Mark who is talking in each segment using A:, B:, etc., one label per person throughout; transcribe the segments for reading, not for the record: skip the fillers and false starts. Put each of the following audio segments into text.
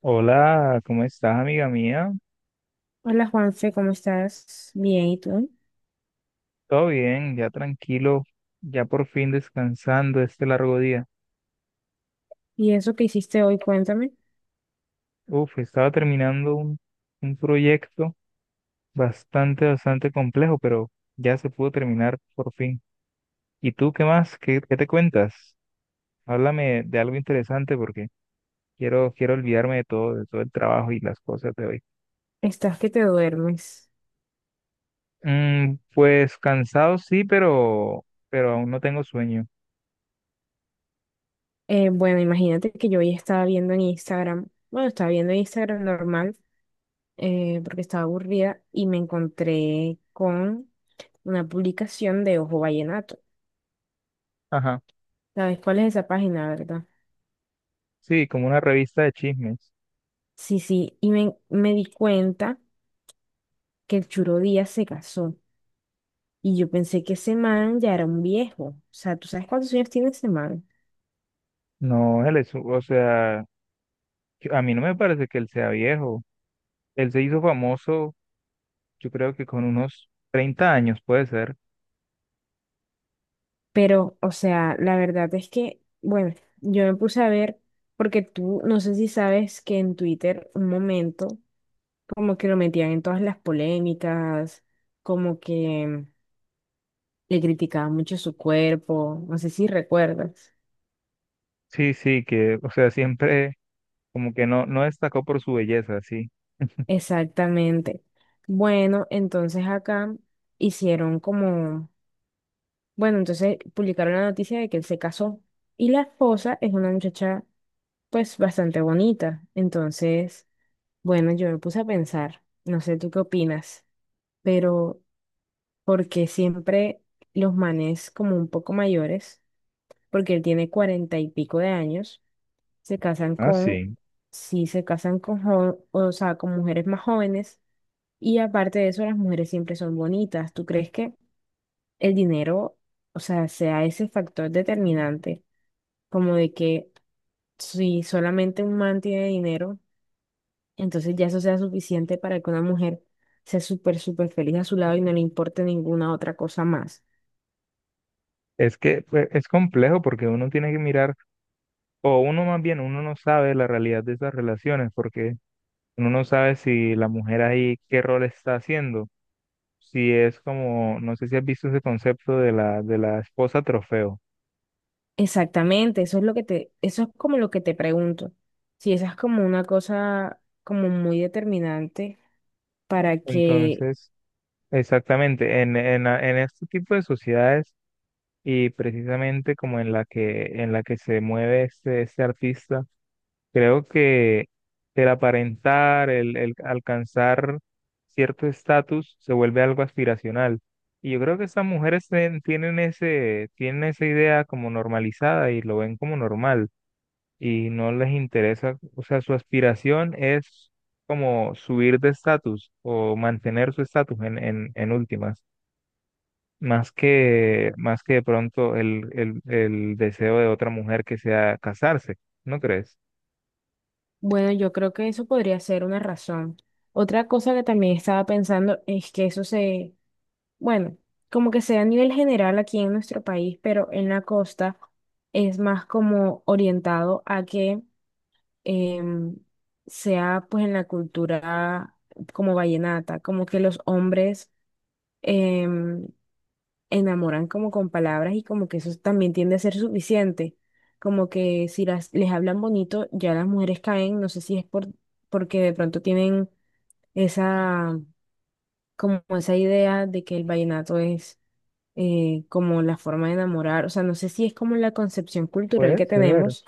A: Hola, ¿cómo estás, amiga mía?
B: Hola Juanfe, ¿cómo estás? Bien, ¿y tú?
A: Todo bien, ya tranquilo, ya por fin descansando este largo día.
B: ¿Y eso que hiciste hoy? Cuéntame.
A: Uf, estaba terminando un proyecto bastante complejo, pero ya se pudo terminar por fin. ¿Y tú qué más? ¿Qué te cuentas? Háblame de algo interesante porque quiero olvidarme de todo el trabajo y las cosas de hoy.
B: Estás que te duermes.
A: Mm, pues cansado sí, pero aún no tengo sueño.
B: Bueno, Imagínate que yo hoy estaba viendo en Instagram, bueno, estaba viendo Instagram normal porque estaba aburrida y me encontré con una publicación de Ojo Vallenato.
A: Ajá,
B: ¿Sabes cuál es esa página, verdad?
A: sí, como una revista de chismes.
B: Sí, sí, y me di cuenta que el Churo Díaz se casó y yo pensé que ese man ya era un viejo. O sea, ¿tú sabes cuántos años tiene ese man?
A: No, él es, o sea, a mí no me parece que él sea viejo. Él se hizo famoso, yo creo que con unos 30 años, puede ser.
B: Pero, o sea, la verdad es que, bueno, yo me puse a ver, porque tú, no sé si sabes que en Twitter un momento como que lo metían en todas las polémicas, como que le criticaban mucho su cuerpo, no sé si recuerdas.
A: Sí, sí, que, o sea, siempre como que no, no destacó por su belleza, sí.
B: Exactamente. Bueno, entonces acá hicieron como, bueno, entonces publicaron la noticia de que él se casó y la esposa es una muchacha pues bastante bonita, entonces... Bueno, yo me puse a pensar, no sé tú qué opinas, pero porque siempre los manes como un poco mayores, porque él tiene cuarenta y pico de años, se casan
A: Ah,
B: con,
A: sí.
B: sí, se casan con, o sea, con mujeres más jóvenes, y aparte de eso, las mujeres siempre son bonitas. ¿Tú crees que el dinero, o sea, sea ese factor determinante, como de que si solamente un man tiene dinero? Entonces ya eso sea suficiente para que una mujer sea súper, súper feliz a su lado y no le importe ninguna otra cosa más.
A: Es que pues, es complejo porque uno tiene que mirar, o uno más bien, uno no sabe la realidad de esas relaciones, porque uno no sabe si la mujer ahí qué rol está haciendo. Si es como, no sé si has visto ese concepto de la esposa trofeo.
B: Exactamente, eso es lo eso es como lo que te pregunto. Si esa es como una cosa como muy determinante para que,
A: Entonces, exactamente, en en este tipo de sociedades y precisamente como en la que se mueve este artista, creo que el aparentar, el alcanzar cierto estatus se vuelve algo aspiracional. Y yo creo que estas mujeres tienen ese, tienen esa idea como normalizada y lo ven como normal y no les interesa, o sea, su aspiración es como subir de estatus o mantener su estatus en últimas. Más que de pronto el deseo de otra mujer que sea casarse, ¿no crees?
B: bueno, yo creo que eso podría ser una razón. Otra cosa que también estaba pensando es que eso se, bueno, como que sea a nivel general aquí en nuestro país, pero en la costa es más como orientado a que em, sea pues en la cultura como vallenata, como que los hombres em, enamoran como con palabras y como que eso también tiende a ser suficiente, como que si les hablan bonito ya las mujeres caen, no sé si es porque de pronto tienen esa, como esa idea de que el vallenato es... como la forma de enamorar, o sea, no sé si es como la concepción cultural
A: Puede
B: que
A: ser,
B: tenemos,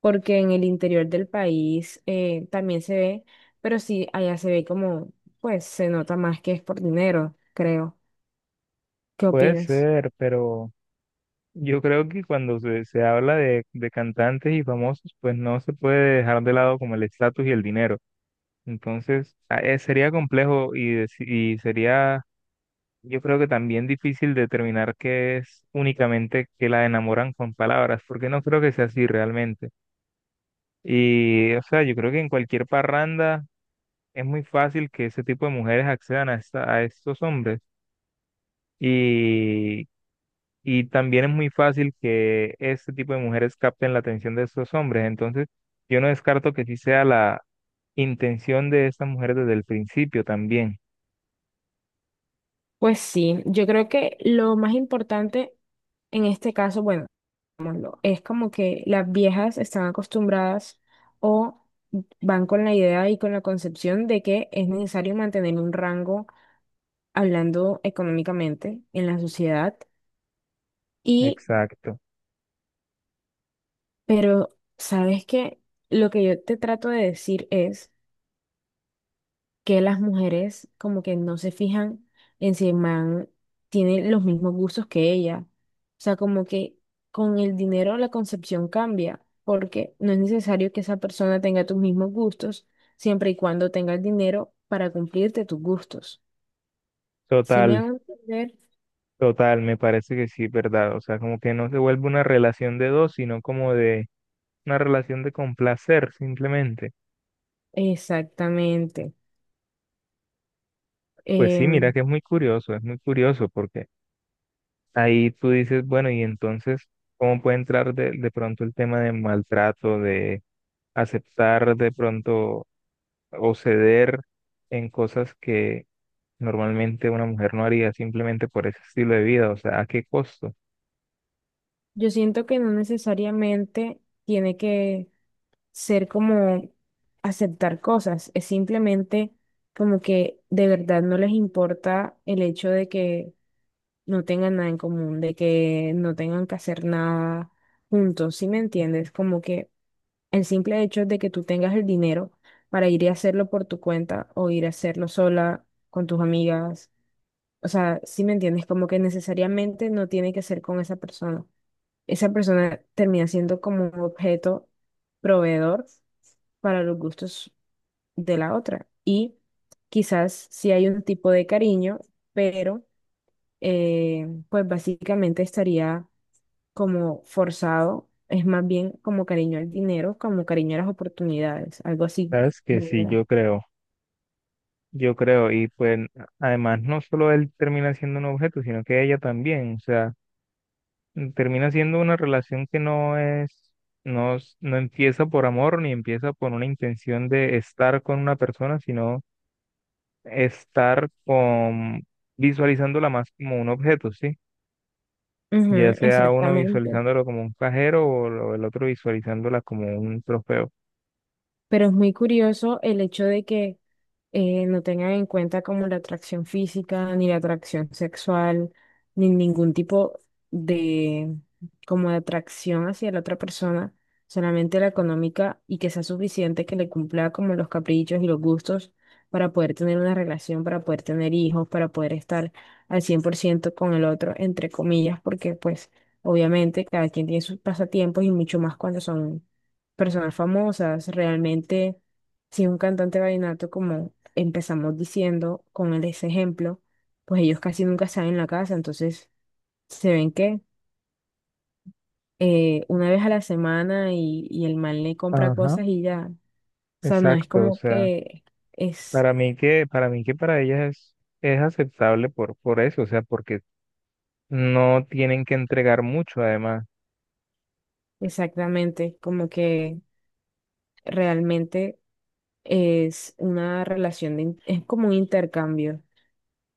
B: porque en el interior del país también se ve, pero sí, allá se ve como, pues se nota más que es por dinero, creo. ¿Qué
A: puede
B: opinas?
A: ser, pero yo creo que cuando se habla de cantantes y famosos, pues no se puede dejar de lado como el estatus y el dinero. Entonces, sería complejo y sería, yo creo que también difícil determinar que es únicamente que la enamoran con palabras, porque no creo que sea así realmente. Y, o sea, yo creo que en cualquier parranda es muy fácil que ese tipo de mujeres accedan a estos hombres y, y también es muy fácil que este tipo de mujeres capten la atención de estos hombres. Entonces, yo no descarto que sí sea la intención de estas mujeres desde el principio también.
B: Pues sí, yo creo que lo más importante en este caso, bueno, es como que las viejas están acostumbradas o van con la idea y con la concepción de que es necesario mantener un rango hablando económicamente en la sociedad. Y,
A: Exacto.
B: pero, ¿sabes qué? Lo que yo te trato de decir es que las mujeres como que no se fijan en si el man tiene los mismos gustos que ella. O sea, como que con el dinero la concepción cambia, porque no es necesario que esa persona tenga tus mismos gustos, siempre y cuando tenga el dinero para cumplirte tus gustos. ¿Si me
A: Total,
B: hago entender?
A: total, me parece que sí, ¿verdad? O sea, como que no se vuelve una relación de dos, sino como de una relación de complacer simplemente.
B: Exactamente.
A: Pues sí, mira
B: Em,
A: que es muy curioso porque ahí tú dices, bueno, y entonces, ¿cómo puede entrar de pronto el tema de maltrato, de aceptar de pronto o ceder en cosas que normalmente una mujer no haría simplemente por ese estilo de vida? O sea, ¿a qué costo?
B: Yo siento que no necesariamente tiene que ser como aceptar cosas, es simplemente como que de verdad no les importa el hecho de que no tengan nada en común, de que no tengan que hacer nada juntos, ¿sí me entiendes? Como que el simple hecho de que tú tengas el dinero para ir y hacerlo por tu cuenta o ir a hacerlo sola con tus amigas, o sea, ¿sí me entiendes? Como que necesariamente no tiene que ser con esa persona. Esa persona termina siendo como un objeto proveedor para los gustos de la otra. Y quizás sí hay un tipo de cariño, pero pues básicamente estaría como forzado, es más bien como cariño al dinero, como cariño a las oportunidades, algo así.
A: Sabes que
B: ¿No?
A: sí, yo creo, y pues además no solo él termina siendo un objeto, sino que ella también, o sea termina siendo una relación que no es: no empieza por amor ni empieza por una intención de estar con una persona, sino estar con, visualizándola más como un objeto, ¿sí? Ya
B: Ujú,
A: sea uno
B: exactamente.
A: visualizándolo como un cajero o el otro visualizándola como un trofeo.
B: Pero es muy curioso el hecho de que no tengan en cuenta como la atracción física, ni la atracción sexual, ni ningún tipo de como de atracción hacia la otra persona, solamente la económica y que sea suficiente que le cumpla como los caprichos y los gustos para poder tener una relación, para poder tener hijos, para poder estar al 100% con el otro, entre comillas, porque pues obviamente cada quien tiene sus pasatiempos y mucho más cuando son personas famosas. Realmente, si un cantante vallenato, como empezamos diciendo con ese ejemplo, pues ellos casi nunca están en la casa, entonces se ven que una vez a la semana y el man le compra
A: Ajá,
B: cosas y ya. O sea, no es
A: exacto, o
B: como
A: sea,
B: que es
A: para mí que para ellas es aceptable por eso, o sea, porque no tienen que entregar mucho además.
B: exactamente como que realmente es una relación, es como un intercambio,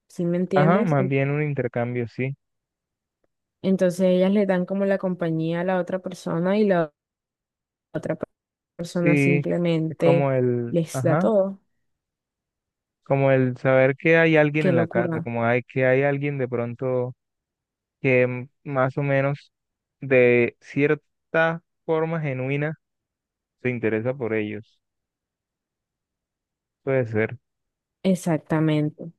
B: ¿sí me
A: Ajá,
B: entiendes?
A: más bien un intercambio, sí.
B: Entonces ellas le dan como la compañía a la otra persona y la otra persona
A: Sí, es
B: simplemente
A: como el,
B: les da
A: ajá,
B: todo.
A: como el saber que hay alguien
B: Qué
A: en la casa,
B: locura.
A: como hay que hay alguien de pronto que más o menos de cierta forma genuina se interesa por ellos. Puede ser.
B: Exactamente.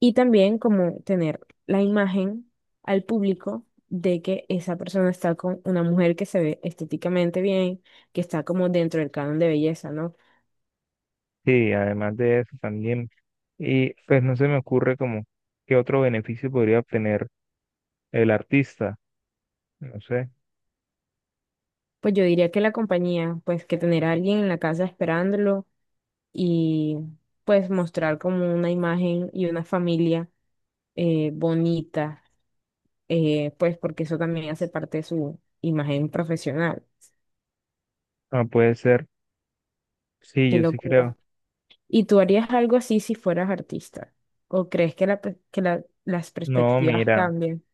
B: Y también como tener la imagen al público de que esa persona está con una mujer que se ve estéticamente bien, que está como dentro del canon de belleza, ¿no?
A: Sí, además de eso también. Y pues no se me ocurre como qué otro beneficio podría obtener el artista. No sé.
B: Pues yo diría que la compañía, pues que tener a alguien en la casa esperándolo y pues mostrar como una imagen y una familia bonita, pues porque eso también hace parte de su imagen profesional.
A: Ah, puede ser. Sí,
B: Qué
A: yo sí
B: locura.
A: creo.
B: ¿Y tú harías algo así si fueras artista? ¿O crees que, la per- que la- las
A: No,
B: perspectivas
A: mira,
B: cambien?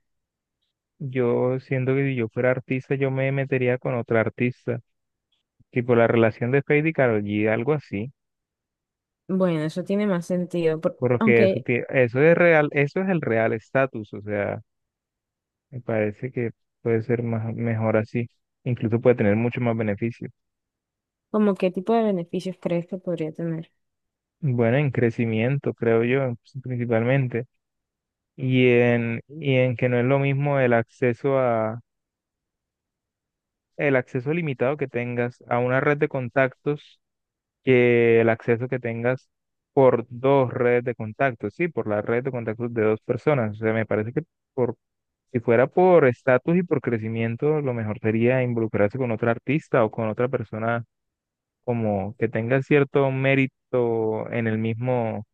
A: yo siento que si yo fuera artista, yo me metería con otra artista tipo la relación de Fade y Karol G, algo así,
B: Bueno, eso tiene más sentido, por-
A: porque eso,
B: aunque
A: eso es real, eso es el real estatus, o sea, me parece que puede ser más, mejor así, incluso puede tener mucho más beneficio.
B: como qué tipo de beneficios crees que podría tener.
A: Bueno, en crecimiento, creo yo, principalmente, y en que no es lo mismo el acceso limitado que tengas a una red de contactos que el acceso que tengas por dos redes de contactos, sí, por la red de contactos de dos personas. O sea, me parece que por, si fuera por estatus y por crecimiento, lo mejor sería involucrarse con otro artista o con otra persona como que tenga cierto mérito en el mismo,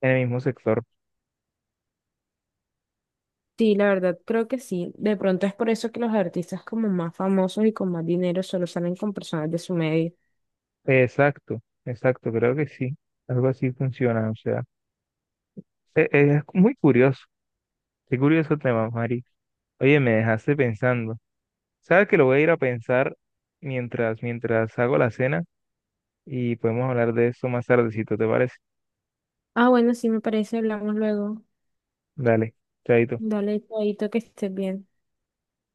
A: en el mismo sector.
B: Sí, la verdad creo que sí. De pronto es por eso que los artistas como más famosos y con más dinero solo salen con personas de su medio.
A: Exacto, exacto, creo que sí. Algo así funciona, o sea, muy curioso, qué curioso tema, Mari. Oye, me dejaste pensando. Sabes que lo voy a ir a pensar mientras hago la cena y podemos hablar de eso más tardecito, ¿te parece?
B: Ah, bueno, sí me parece, hablamos luego.
A: Dale, chaito.
B: Dale, chaito, que estés bien.